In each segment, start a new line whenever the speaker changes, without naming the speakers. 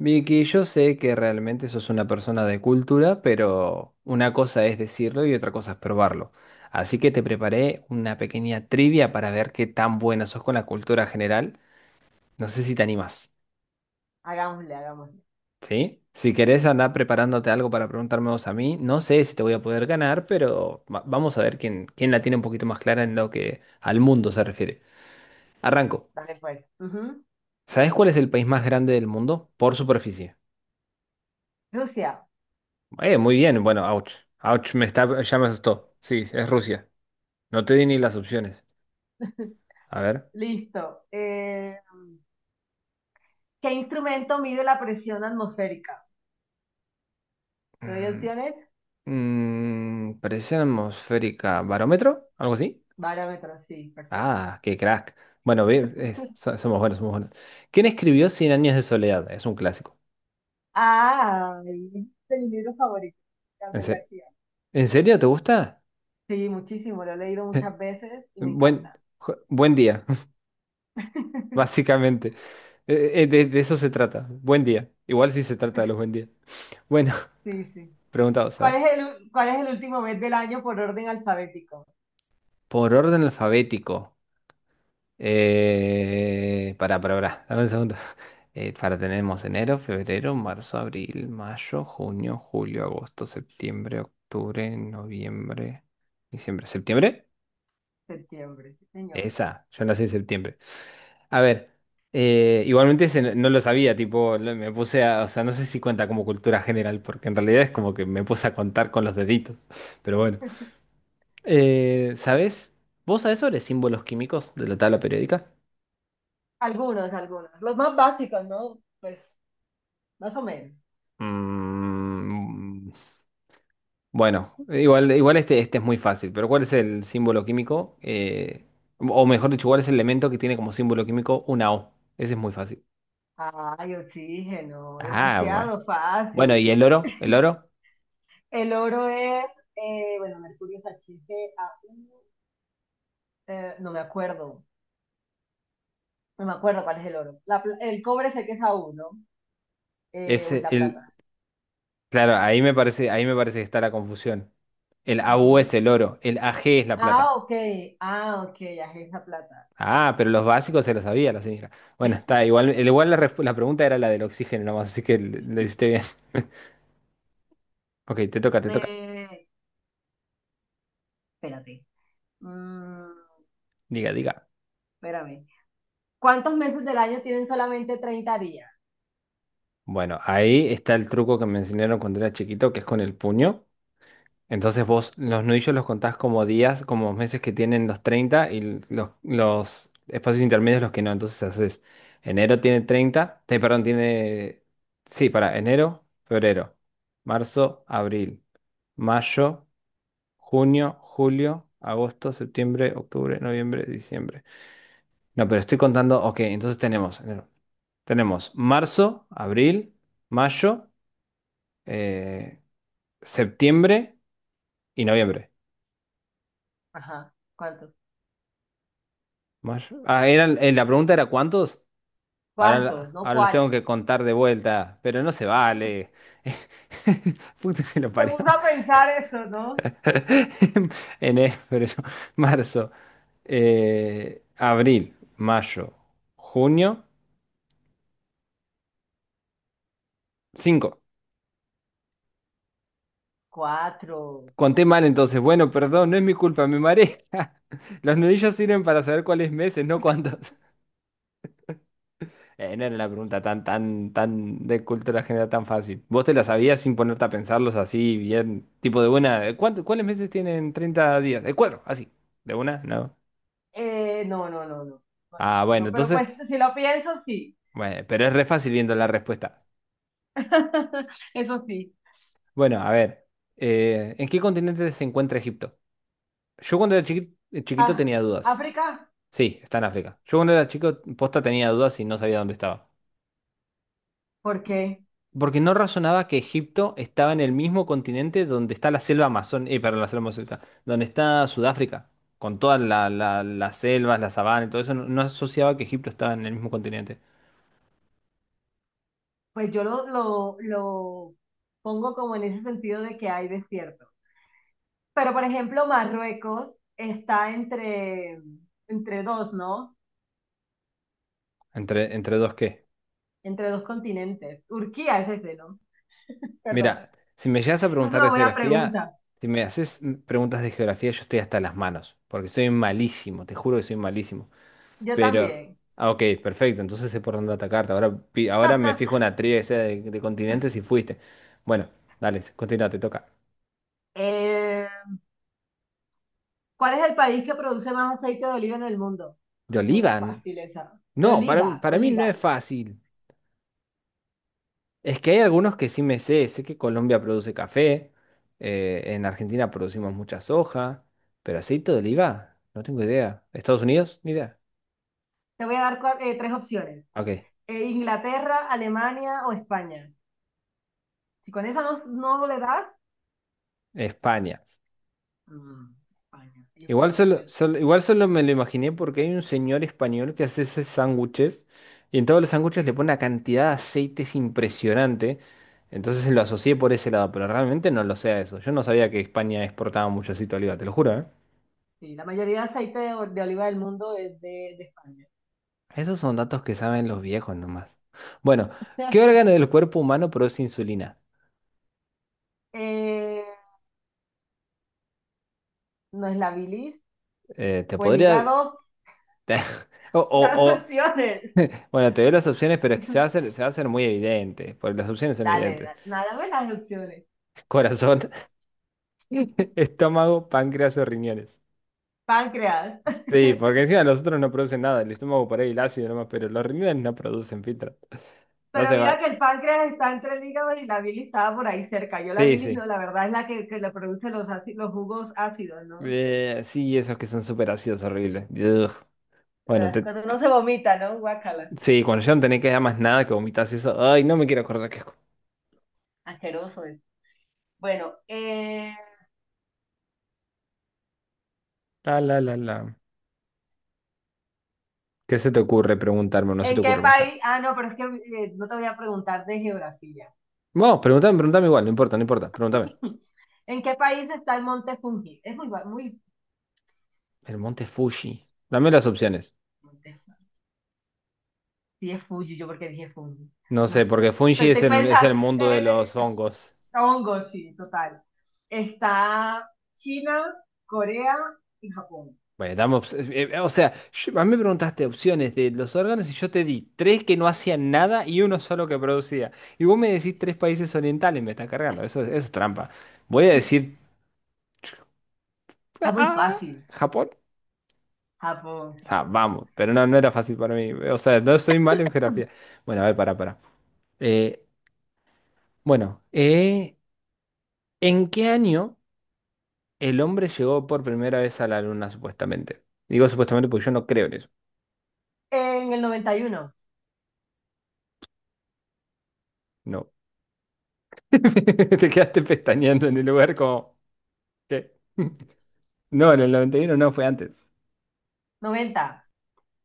Vicky, yo sé que realmente sos una persona de cultura, pero una cosa es decirlo y otra cosa es probarlo. Así que te preparé una pequeña trivia para ver qué tan buena sos con la cultura general. No sé si te animas,
Hagámosle, hagámosle.
¿sí? Si querés andar preparándote algo para preguntarme vos a mí, no sé si te voy a poder ganar, pero vamos a ver quién la tiene un poquito más clara en lo que al mundo se refiere. Arranco.
Dale pues. Ujú.
¿Sabés cuál es el país más grande del mundo por superficie?
Rusia.
Muy bien, bueno, ouch. Ouch, me está, ya me asustó. Sí, es Rusia. No te di ni las opciones. A ver.
Listo. ¿Qué instrumento mide la presión atmosférica? ¿Te doy
Mm,
opciones?
Presión atmosférica, barómetro, algo así.
Barómetro, sí, perfecto.
Ah, qué crack. Bueno, somos buenos, somos buenos. ¿Quién escribió Cien años de soledad? Es un clásico.
Ah, este es mi libro favorito,
¿En
Gabriel
serio?
García.
¿En serio te gusta?
Sí, muchísimo, lo he leído muchas veces y me
Buen,
encanta.
Buen día, básicamente. De eso se trata. Buen día. Igual sí se trata de los buen días. Bueno,
Sí, sí.
preguntados, a
¿Cuál
ver.
es el, cuál es el último mes del año por orden alfabético?
Por orden alfabético. Pará, pará, pará, dame un segundo. Para tenemos enero, febrero, marzo, abril, mayo, junio, julio, agosto, septiembre, octubre, noviembre, diciembre, septiembre.
Septiembre, sí, señor.
Esa, yo nací en septiembre. A ver, igualmente ese no lo sabía, tipo, me puse a, o sea, no sé si cuenta como cultura general, porque en realidad es como que me puse a contar con los deditos, pero bueno. ¿Sabés? ¿Vos sabés sobre símbolos químicos de la tabla periódica?
Algunos, algunos. Los más básicos, ¿no? Pues más o menos.
Mm, Bueno, igual este es muy fácil, pero ¿cuál es el símbolo químico? O mejor dicho, ¿cuál es el elemento que tiene como símbolo químico una O? Ese es muy fácil.
Ay, oxígeno,
Ah, bueno.
demasiado
Bueno,
fácil.
¿y el oro? ¿El oro?
El oro es, bueno, mercurio es HCAU, eh, no me acuerdo, no me acuerdo cuál es el oro. El cobre sé que es A1, ¿no?
Es
O es la
el,
plata.
claro, ahí me parece que está la confusión. El AU es
Ujú.
el oro, el AG es la plata.
Ah, ok, ah, ok, ya es la plata.
Ah, pero los básicos se los sabía la señora. Bueno, está, igual, igual la, la pregunta era la del oxígeno nomás, así que le hiciste bien. Ok, te toca, te toca.
Eh, Espérate. Mm,
Diga, diga.
Espérame. ¿Cuántos meses del año tienen solamente 30 días?
Bueno, ahí está el truco que me enseñaron cuando era chiquito, que es con el puño. Entonces vos los nudillos los contás como días, como meses que tienen los treinta y los espacios intermedios los que no. Entonces haces, enero tiene 30, perdón, tiene, sí, para enero, febrero, marzo, abril, mayo, junio, julio, agosto, septiembre, octubre, noviembre, diciembre. No, pero estoy contando, ok, entonces tenemos, enero, tenemos marzo, abril, mayo. Eh, Septiembre y noviembre.
Ajá, ¿cuántos?
Ah, eran, la pregunta era ¿cuántos? Ahora,
¿Cuántos? ¿No
ahora los tengo
cuáles?
que contar de vuelta, pero no se vale. Puta que lo
Te
parió.
gusta pensar esto, ¿no?
Enero, febrero, marzo, abril, mayo, junio, cinco.
Cuatro.
Conté mal entonces. Bueno, perdón, no es mi culpa, me mareé. Los nudillos sirven para saber cuáles meses, no cuántos. No era una pregunta tan, tan, tan de cultura general tan fácil. ¿Vos te la sabías sin ponerte a pensarlos así, bien, tipo de buena? ¿Cuáles meses tienen 30 días? Cuatro, así. ¿De una? No.
No, no, no, no, no,
Ah,
no,
bueno,
no, pero
entonces,
pues si lo pienso, sí.
bueno, pero es re fácil viendo la respuesta.
Eso sí.
Bueno, a ver, ¿en qué continente se encuentra Egipto? Yo cuando era chiquito,
Ah,
tenía dudas.
África,
Sí, está en África. Yo cuando era chico, posta tenía dudas y no sabía dónde estaba.
¿por qué?
Porque no razonaba que Egipto estaba en el mismo continente donde está la selva amazónica, perdón, la selva amazónica, donde está Sudáfrica, con todas las selvas, la sabana y todo eso, no asociaba que Egipto estaba en el mismo continente.
Pues yo lo pongo como en ese sentido de que hay desierto. Pero por ejemplo, Marruecos está entre dos, ¿no?
¿Entre dos qué?
Entre dos continentes. Turquía es ese, ¿no? Perdón.
Mira, si me llegas a
Esa es
preguntar de
una buena
geografía,
pregunta.
si me haces preguntas de geografía, yo estoy hasta las manos, porque soy malísimo, te juro que soy malísimo.
Yo
Pero,
también.
ah, ok, perfecto, entonces sé por dónde atacarte. Ahora, ahora me fijo una trivia que sea de continentes y fuiste. Bueno, dale, continúa, te toca.
Eh, ¿Cuál es el país que produce más aceite de oliva en el mundo?
¿De
Es muy
Olivan?
fácil esa. De
No, para,
oliva,
para mí no es
oliva.
fácil. Es que hay algunos que sí me sé. Sé que Colombia produce café, en Argentina producimos mucha soja, pero aceite de oliva, no tengo idea. ¿Estados Unidos? Ni idea.
Te voy a dar tres opciones.
Ok,
Inglaterra, Alemania o España. Si con esa no, no le das,
España.
mm, España. Ellos
Igual
producen
solo,
el-,
solo- igual solo me lo imaginé porque hay un señor español que hace esos sándwiches y en todos los sándwiches le pone una cantidad de aceites impresionante. Entonces lo asocié por ese lado, pero realmente no lo sé a eso. Yo no sabía que España exportaba mucho aceite de oliva, te lo juro, ¿eh?
sí, la mayoría de aceite de oliva del mundo es de España.
Esos son datos que saben los viejos nomás. Bueno, ¿qué órgano del cuerpo humano produce insulina?
Eh, ¿No es la bilis
Te
o el
podría...
hígado?
o,
Dame
o- o-
opciones.
Bueno, te doy las opciones, pero es que se va a hacer, se va a hacer muy evidente, porque las opciones son
Dale,
evidentes.
nada más las opciones.
Corazón, estómago, páncreas o riñones.
Páncreas.
Sí, porque encima los otros no producen nada, el estómago por ahí el ácido nomás, pero los riñones no producen filtro. No
Pero
se
mira que
va.
el páncreas está entre el hígado y la bilis estaba por ahí cerca. Yo la
Sí,
bilis, no,
sí.
la verdad es la que le produce los jugos ácidos, ¿no?
Sí, esos que son súper ácidos horribles. Ugh. Bueno,
Ah,
te,
cuando uno se vomita, ¿no? Guácala.
sí, cuando ya no tenés que dar más nada que vomitas eso. Ay, no me quiero acordar qué es.
Asqueroso es. Bueno,
La, la, la, la. ¿Qué se te ocurre preguntarme? ¿O no se te
¿en qué
ocurre más nada?
país? Ah, no, pero es que no te voy a preguntar de geografía.
Vos, pregúntame, pregúntame igual, no importa, no importa, pregúntame.
¿En qué país está el Monte Fuji? Es muy,
El monte Fuji. Dame las opciones.
Sí, es Fuji, yo porque dije Fuji.
No
No
sé,
sé.
porque
Estoy,
Fuji es
estoy
el, es el
pensando.
mundo de los hongos.
Hongo, sí, total. Está China, Corea y Japón.
Bueno, dame o sea, a mí me preguntaste opciones de los órganos y yo te di tres que no hacían nada y uno solo que producía. Y vos me decís tres países orientales, me está cargando. Eso, eso es trampa. Voy a decir...
Está muy
ah,
fácil.
Japón.
Japón,
Ah,
Japón.
vamos, pero no era fácil para mí. O sea, no soy malo en geografía. Bueno, a ver, para, para. Bueno, ¿en qué año el hombre llegó por primera vez a la luna, supuestamente? Digo supuestamente porque yo no creo en eso.
En el 91.
No. Te quedaste pestañeando en el lugar como... ¿Qué? No, en el 91 no, fue antes.
90.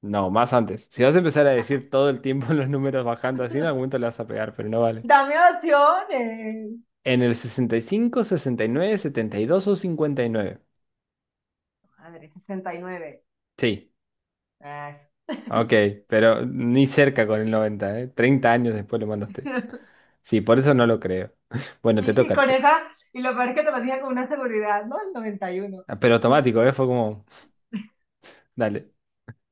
No, más antes. Si vas a empezar a decir todo el tiempo los números bajando así, en algún momento le vas a pegar, pero no vale.
Dame opciones.
En el sesenta y cinco, sesenta y nueve, setenta y dos o 59.
Madre, 69.
Sí.
Ah,
Ok, pero ni cerca con el 90, ¿eh? 30 años después lo
sí.
mandaste. Sí, por eso no lo creo. Bueno, te
Y
toca, te
con
toca.
esa, y lo peor es que te lo dije con una seguridad, ¿no? El 91.
Ah, pero automático, ¿eh? Fue como, dale.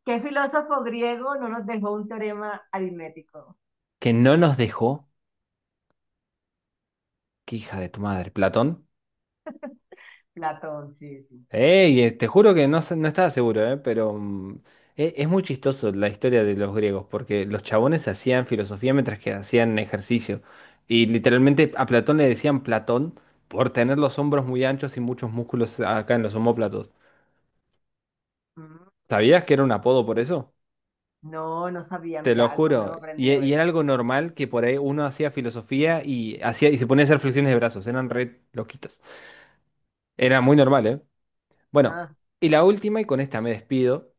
¿Qué filósofo griego no nos dejó un teorema aritmético?
Que no nos dejó. Qué hija de tu madre, Platón.
Platón, sí, sí.
Ey, te juro que no, no estaba seguro, ¿eh? Pero es, muy chistoso la historia de los griegos, porque los chabones hacían filosofía mientras que hacían ejercicio. Y literalmente a Platón le decían Platón por tener los hombros muy anchos y muchos músculos acá en los omóplatos.
Mm.
¿Sabías que era un apodo por eso?
No, no sabía,
Te lo
mira, algo
juro.
nuevo
Y,
aprendí
e- y era
hoy.
algo normal que por ahí uno hacía filosofía y hacía y se ponía a hacer flexiones de brazos. Eran re loquitos. Era muy normal, ¿eh? Bueno,
Ah,
y la última, y con esta me despido.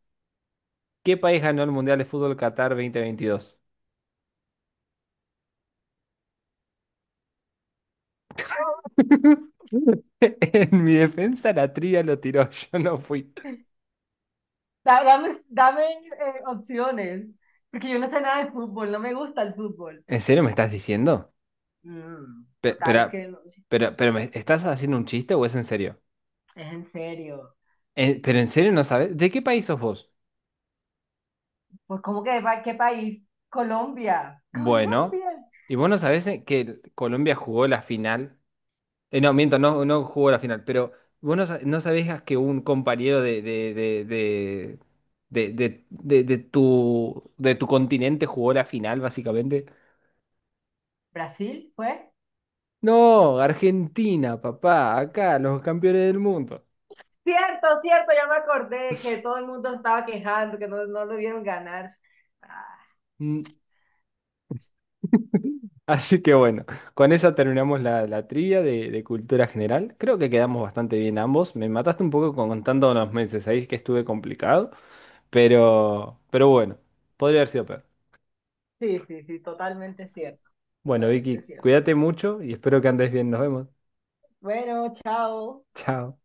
¿Qué país ganó el Mundial de Fútbol Qatar 2022? En mi defensa la trivia lo tiró, yo no fui.
dame opciones, porque yo no sé nada de fútbol, no me gusta el fútbol.
¿En serio me estás diciendo?
Mm,
Pe-
total, es
pero,
que
pero ¿me estás haciendo un chiste o es en serio?
es en serio.
¿Pero en serio no sabes? ¿De qué país sos vos?
Pues, ¿cómo que qué país? Colombia.
Bueno,
Colombia.
¿y vos no sabés que Colombia jugó la final? No, miento, no, no jugó la final, pero vos no sabías que un compañero de tu continente jugó la final, básicamente.
¿Brasil fue?
No, Argentina, papá, acá, los campeones del mundo.
Cierto, cierto, ya me acordé que todo el mundo estaba quejando, que no, no lo vieron ganar. Ah,
Mm, así que bueno, con esa terminamos la trivia de cultura general. Creo que quedamos bastante bien ambos. Me mataste un poco con contando los meses ahí que estuve complicado, pero bueno, podría haber sido peor.
sí, sí, sí, totalmente cierto,
Bueno, Vicky,
totalmente cierto.
cuídate mucho y espero que andes bien. Nos vemos.
Bueno, chao.
Chao.